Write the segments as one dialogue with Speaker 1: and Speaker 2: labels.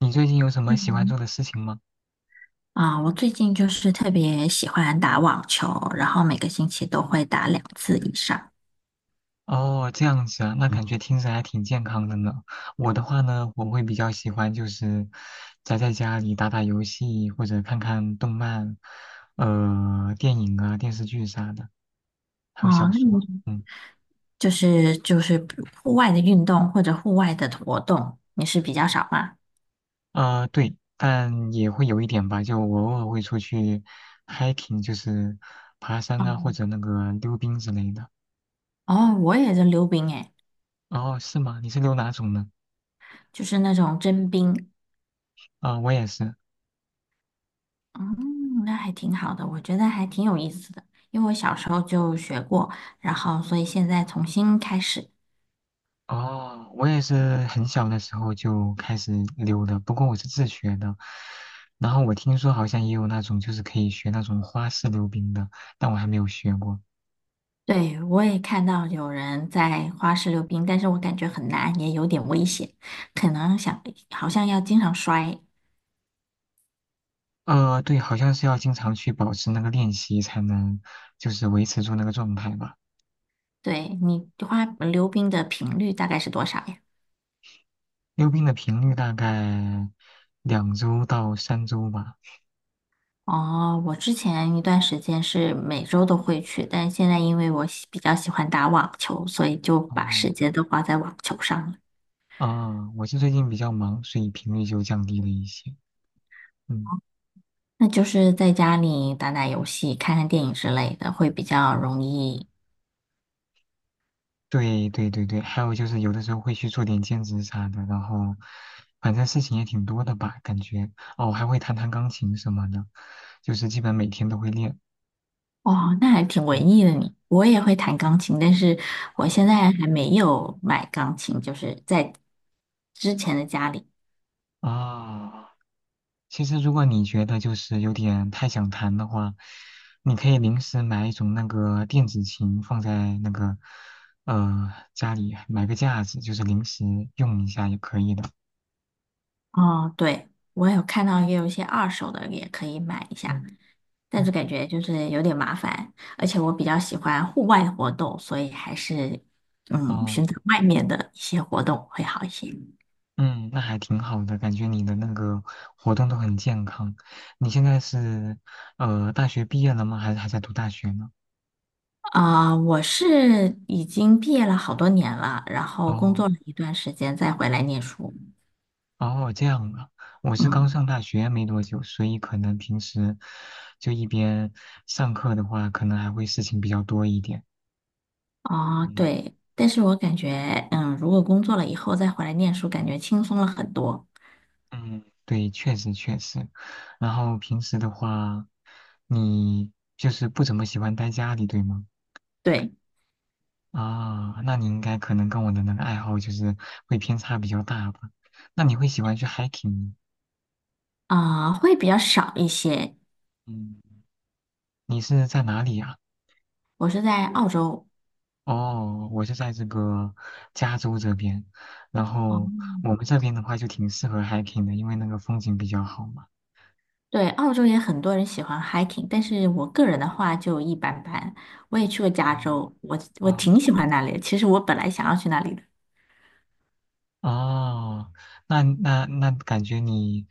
Speaker 1: 你最近有什么喜欢
Speaker 2: 嗯，
Speaker 1: 做的事情吗？
Speaker 2: 我最近就是特别喜欢打网球，然后每个星期都会打两次以上。
Speaker 1: 哦，这样子啊，那感觉听着还挺健康的呢。我的话呢，我会比较喜欢就是宅在家里打打游戏或者看看动漫，电影啊、电视剧啥的，还有小
Speaker 2: 哦，那
Speaker 1: 说。
Speaker 2: 你
Speaker 1: 嗯，
Speaker 2: 就是户外的运动或者户外的活动，你是比较少吗？
Speaker 1: 啊、对，但也会有一点吧，就我偶尔会出去 hiking，就是爬山啊或
Speaker 2: 嗯，
Speaker 1: 者那个溜冰之类的。
Speaker 2: 哦，我也在溜冰诶，
Speaker 1: 哦，是吗？你是溜哪种呢？
Speaker 2: 就是那种真冰。
Speaker 1: 啊、我也是。
Speaker 2: 嗯，那还挺好的，我觉得还挺有意思的，因为我小时候就学过，然后所以现在重新开始。
Speaker 1: 哦，我也是很小的时候就开始溜的，不过我是自学的。然后我听说好像也有那种就是可以学那种花式溜冰的，但我还没有学过。
Speaker 2: 对，我也看到有人在花式溜冰，但是我感觉很难，也有点危险，可能想好像要经常摔。
Speaker 1: 对，好像是要经常去保持那个练习才能就是维持住那个状态吧。
Speaker 2: 对，你花溜冰的频率大概是多少呀？
Speaker 1: 溜冰的频率大概2周到3周吧。
Speaker 2: 哦，我之前一段时间是每周都会去，但现在因为我比较喜欢打网球，所以就把
Speaker 1: 哦，
Speaker 2: 时间都花在网球上了。
Speaker 1: 啊，我是最近比较忙，所以频率就降低了一些。嗯。
Speaker 2: 那就是在家里打打游戏、看看电影之类的，会比较容易。
Speaker 1: 对对对对，还有就是有的时候会去做点兼职啥的，然后反正事情也挺多的吧，感觉哦，还会弹弹钢琴什么的，就是基本每天都会练。
Speaker 2: 哦，那还挺
Speaker 1: 嗯，
Speaker 2: 文艺的你。我也会弹钢琴，但是我现
Speaker 1: 哦
Speaker 2: 在还没有买钢琴，就是在之前的家里。
Speaker 1: 啊，其实如果你觉得就是有点太想弹的话，你可以临时买一种那个电子琴放在那个家里，买个架子，就是临时用一下也可以的。
Speaker 2: 哦，对，我有看到也有一些二手的，也可以买一下，
Speaker 1: 嗯
Speaker 2: 但
Speaker 1: 嗯，
Speaker 2: 是感觉就是有点麻烦，而且我比较喜欢户外活动，所以还是
Speaker 1: 哦。
Speaker 2: 选择外面的一些活动会好一些。
Speaker 1: 嗯，那还挺好的，感觉你的那个活动都很健康。你现在是大学毕业了吗？还是还在读大学呢？
Speaker 2: 我是已经毕业了好多年了，然后工
Speaker 1: 哦
Speaker 2: 作了一段时间再回来念书。
Speaker 1: 哦，这样啊，我是
Speaker 2: 嗯。
Speaker 1: 刚上大学没多久，所以可能平时就一边上课的话，可能还会事情比较多一点。
Speaker 2: 啊，
Speaker 1: 嗯
Speaker 2: 对，但是我感觉，如果工作了以后再回来念书，感觉轻松了很多。
Speaker 1: 嗯，对，确实确实。然后平时的话，你就是不怎么喜欢待家里，对吗？
Speaker 2: 对，
Speaker 1: 啊，那你应该可能跟我的那个爱好就是会偏差比较大吧？那你会喜欢去 hiking吗？
Speaker 2: 啊，会比较少一些。
Speaker 1: 嗯，你是在哪里呀？
Speaker 2: 我是在澳洲，
Speaker 1: 哦，我是在这个加州这边，然后
Speaker 2: 哦，
Speaker 1: 我们这边的话就挺适合 hiking 的，因为那个风景比较好嘛。
Speaker 2: 对，澳洲也很多人喜欢 hiking，但是我个人的话就一般般。我也去过
Speaker 1: 哦
Speaker 2: 加州，我
Speaker 1: 哦
Speaker 2: 挺喜欢那里的。其实我本来想要去那里的，
Speaker 1: 哦，那感觉你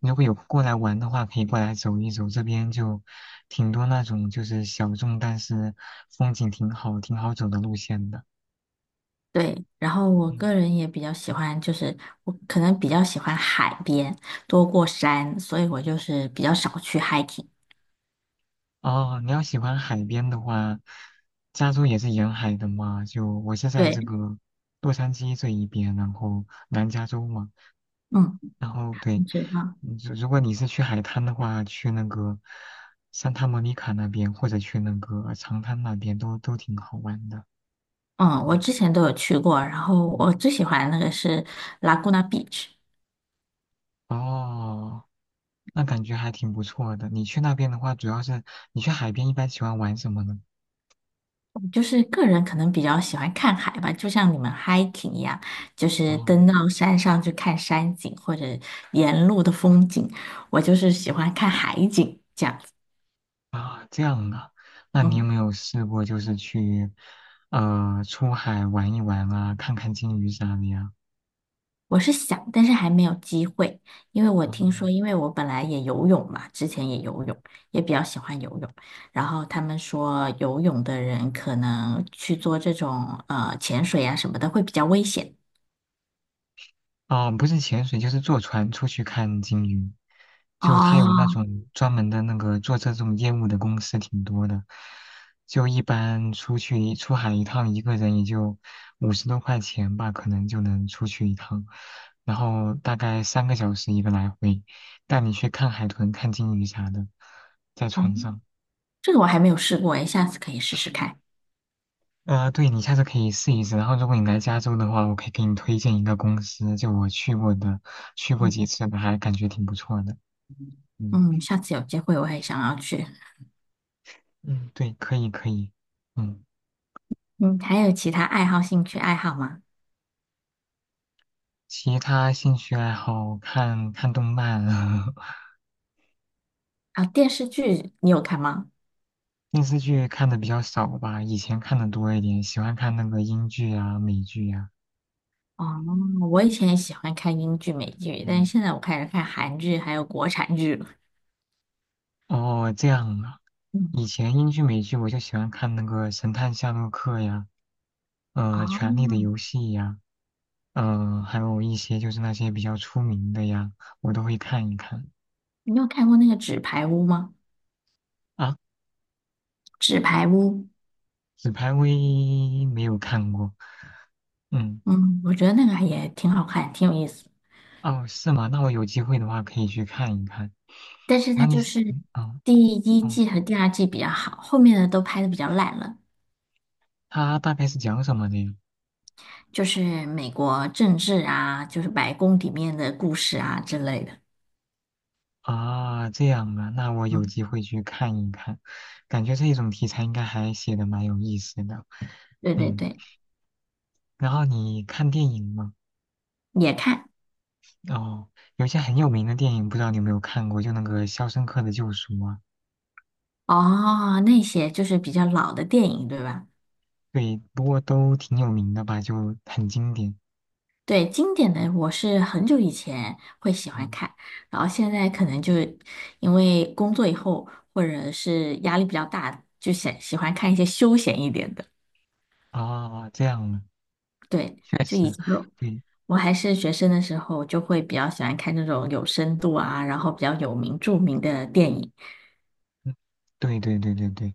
Speaker 1: 如果有过来玩的话，可以过来走一走，这边就挺多那种就是小众但是风景挺好、挺好走的路线的。
Speaker 2: 对。然后我
Speaker 1: 嗯，
Speaker 2: 个人也比较喜欢，就是我可能比较喜欢海边多过山，所以我就是比较少去 hiking。
Speaker 1: 哦，你要喜欢海边的话，加州也是沿海的嘛。就我是在这
Speaker 2: 对，
Speaker 1: 个洛杉矶这一边，然后南加州嘛。
Speaker 2: 嗯，
Speaker 1: 然后
Speaker 2: 你
Speaker 1: 对，
Speaker 2: 知道。
Speaker 1: 如果你是去海滩的话，去那个산타莫妮卡那边，或者去那个长滩那边，都挺好玩的。
Speaker 2: 嗯，我之前都有去过，然后我
Speaker 1: 嗯，
Speaker 2: 最喜欢的那个是 Laguna Beach，
Speaker 1: 哦，那感觉还挺不错的。你去那边的话，主要是你去海边一般喜欢玩什么呢？
Speaker 2: 就是个人可能比较喜欢看海吧，就像你们 hiking 一样，就是
Speaker 1: 哦。
Speaker 2: 登到山上去看山景或者沿路的风景，我就是喜欢看海景这样子。
Speaker 1: 啊，这样啊，那你有
Speaker 2: 嗯。
Speaker 1: 没有试过就是去，出海玩一玩啊，看看鲸鱼啥的呀？
Speaker 2: 我是想，但是还没有机会，因为我听说，
Speaker 1: 嗯，
Speaker 2: 因为我本来也游泳嘛，之前也游泳，也比较喜欢游泳。然后他们说，游泳的人可能去做这种潜水啊什么的会比较危险。
Speaker 1: 哦，不是潜水，就是坐船出去看鲸鱼，就他有那
Speaker 2: 哦，
Speaker 1: 种专门的那个做这种业务的公司挺多的，就一般出去一出海一趟，一个人也就50多块钱吧，可能就能出去一趟，然后大概3个小时一个来回，带你去看海豚、看鲸鱼啥的，在
Speaker 2: 哦，
Speaker 1: 船上。
Speaker 2: 这个我还没有试过诶，下次可以试试看。
Speaker 1: 对，你下次可以试一试。然后，如果你来加州的话，我可以给你推荐一个公司，就我去过的，去过
Speaker 2: 嗯，
Speaker 1: 几次的，还感觉挺不错的。嗯
Speaker 2: 嗯，下次有机会我也想要去。
Speaker 1: 嗯，对，可以可以。嗯，
Speaker 2: 嗯，还有其他爱好、兴趣爱好吗？
Speaker 1: 其他兴趣爱好看看动漫，
Speaker 2: 啊，电视剧你有看吗？
Speaker 1: 电视剧看的比较少吧，以前看的多一点，喜欢看那个英剧啊、美剧呀、
Speaker 2: 哦，我以前也喜欢看英剧、美剧，但是
Speaker 1: 嗯，
Speaker 2: 现在我开始看韩剧还有国产剧了。
Speaker 1: 哦，这样啊。
Speaker 2: 嗯，
Speaker 1: 以前英剧、美剧我就喜欢看那个《神探夏洛克》呀，
Speaker 2: 哦，
Speaker 1: 《权力的游戏》呀。嗯，还有一些就是那些比较出名的呀，我都会看一看
Speaker 2: 你有看过那个《纸牌屋》吗？
Speaker 1: 啊。
Speaker 2: 《纸牌屋》，
Speaker 1: 纸牌屋一没有看过，嗯，
Speaker 2: 嗯，我觉得那个也挺好看，挺有意思。
Speaker 1: 哦，是吗？那我有机会的话可以去看一看。
Speaker 2: 但是
Speaker 1: 那
Speaker 2: 它
Speaker 1: 你，
Speaker 2: 就是
Speaker 1: 嗯，哦，
Speaker 2: 第一
Speaker 1: 哦，
Speaker 2: 季和第二季比较好，后面的都拍的比较烂了，
Speaker 1: 它大概是讲什么的呀？
Speaker 2: 就是美国政治啊，就是白宫里面的故事啊之类的。
Speaker 1: 啊，这样啊，那我有
Speaker 2: 嗯，
Speaker 1: 机会去看一看，感觉这一种题材应该还写的蛮有意思的。
Speaker 2: 对对
Speaker 1: 嗯，
Speaker 2: 对，
Speaker 1: 然后你看电影吗？
Speaker 2: 也看。
Speaker 1: 哦，有些很有名的电影，不知道你有没有看过，就那个《肖申克的救赎》啊。
Speaker 2: 哦，那些就是比较老的电影，对吧？
Speaker 1: 对，不过都挺有名的吧，就很经典。
Speaker 2: 对，经典的我是很久以前会喜欢
Speaker 1: 嗯，
Speaker 2: 看，然后现在可能就因为工作以后或者是压力比较大，就喜欢看一些休闲一点的。
Speaker 1: 啊，这样啊，
Speaker 2: 对，
Speaker 1: 确
Speaker 2: 就
Speaker 1: 实，
Speaker 2: 以前
Speaker 1: 对，
Speaker 2: 我还是学生的时候，就会比较喜欢看那种有深度啊，然后比较有名著名的电影。
Speaker 1: 嗯，对对对对对，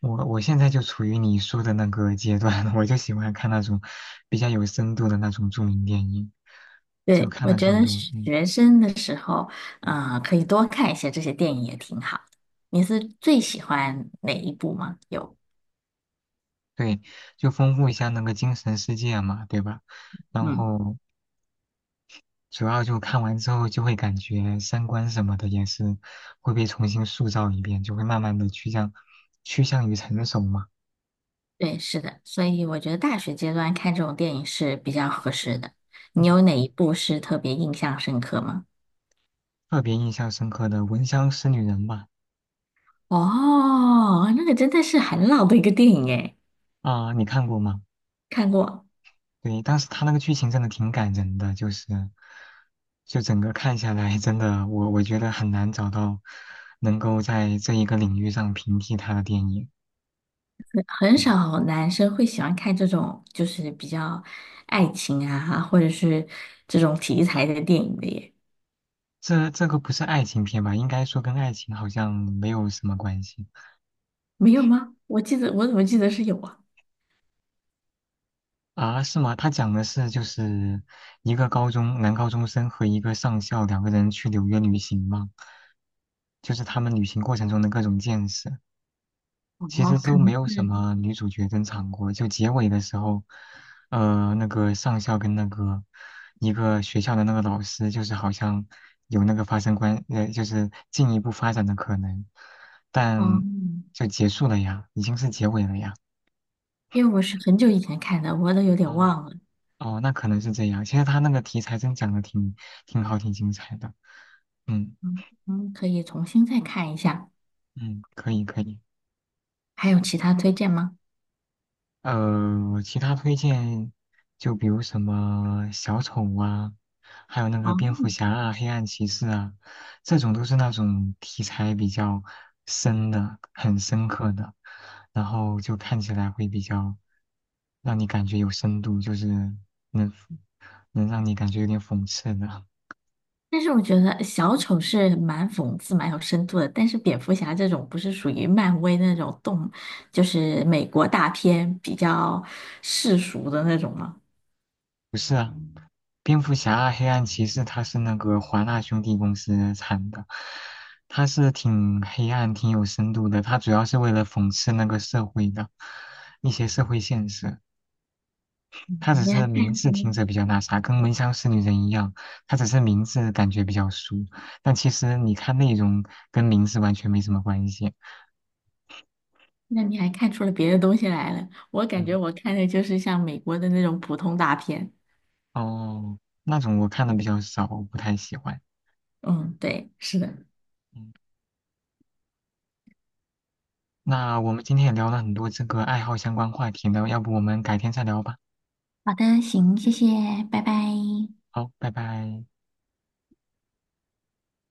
Speaker 1: 我现在就处于你说的那个阶段，我就喜欢看那种比较有深度的那种著名电影，就
Speaker 2: 对，
Speaker 1: 看
Speaker 2: 我
Speaker 1: 了
Speaker 2: 觉
Speaker 1: 挺
Speaker 2: 得
Speaker 1: 多，嗯，
Speaker 2: 学生的时候，可以多看一些这些电影也挺好。你是最喜欢哪一部吗？有，
Speaker 1: 对，就丰富一下那个精神世界嘛，对吧？然
Speaker 2: 嗯。
Speaker 1: 后主要就看完之后就会感觉三观什么的也是会被重新塑造一遍，就会慢慢的趋向于成熟嘛。
Speaker 2: 对，是的，所以我觉得大学阶段看这种电影是比较合适的。
Speaker 1: 嗯，
Speaker 2: 你有哪一部是特别印象深刻吗？
Speaker 1: 特别印象深刻的《闻香识女人》吧，
Speaker 2: 哦，那个真的是很老的一个电影诶，
Speaker 1: 啊、你看过吗？
Speaker 2: 看过。
Speaker 1: 对，当时他那个剧情真的挺感人的，就是，就整个看下来，真的我觉得很难找到能够在这一个领域上平替他的电影。
Speaker 2: 很
Speaker 1: 嗯，
Speaker 2: 少男生会喜欢看这种就是比较爱情啊，或者是这种题材的电影的耶，
Speaker 1: 这个不是爱情片吧？应该说跟爱情好像没有什么关系
Speaker 2: 没有吗？我记得我怎么记得是有啊？
Speaker 1: 啊？是吗？他讲的是就是一个高中生和一个上校两个人去纽约旅行吗？就是他们旅行过程中的各种见识。
Speaker 2: 哦，
Speaker 1: 其实
Speaker 2: 可
Speaker 1: 都没
Speaker 2: 能
Speaker 1: 有什
Speaker 2: 是，
Speaker 1: 么女主角登场过，就结尾的时候，那个上校跟那个一个学校的那个老师，就是好像有那个发生关，就是进一步发展的可能，但
Speaker 2: 嗯，
Speaker 1: 就结束了呀，已经是结尾了呀。
Speaker 2: 因为我是很久以前看的，我都有点
Speaker 1: 哦
Speaker 2: 忘了。
Speaker 1: 哦，那可能是这样。其实他那个题材真讲的挺好，挺精彩的。嗯
Speaker 2: 嗯，嗯，可以重新再看一下。
Speaker 1: 嗯，可以可以。
Speaker 2: 还有其他推荐吗？
Speaker 1: 其他推荐就比如什么小丑啊，还有那个蝙
Speaker 2: 哦，
Speaker 1: 蝠侠啊、黑暗骑士啊，这种都是那种题材比较深的、很深刻的，然后就看起来会比较让你感觉有深度，就是能让你感觉有点讽刺的。
Speaker 2: 但是我觉得小丑是蛮讽刺、蛮有深度的，但是蝙蝠侠这种不是属于漫威那种动，就是美国大片比较世俗的那种吗？
Speaker 1: 不是啊，蝙蝠侠、黑暗骑士，它是那个华纳兄弟公司产的，它是挺黑暗、挺有深度的。它主要是为了讽刺那个社会的一些社会现实。它只
Speaker 2: 你还
Speaker 1: 是
Speaker 2: 看
Speaker 1: 名字
Speaker 2: 出，
Speaker 1: 听着比较那啥，跟《闻香识女人》一样，它只是名字感觉比较俗，但其实你看内容跟名字完全没什么关系。
Speaker 2: 那你还看出了别的东西来了？我感觉
Speaker 1: 嗯，
Speaker 2: 我看的就是像美国的那种普通大片。
Speaker 1: 哦，那种我看的比较少，我不太喜欢。
Speaker 2: 嗯，对，是的。
Speaker 1: 嗯，那我们今天也聊了很多这个爱好相关话题呢，要不我们改天再聊吧。
Speaker 2: 好的，行，谢谢，拜拜。
Speaker 1: 好，拜拜。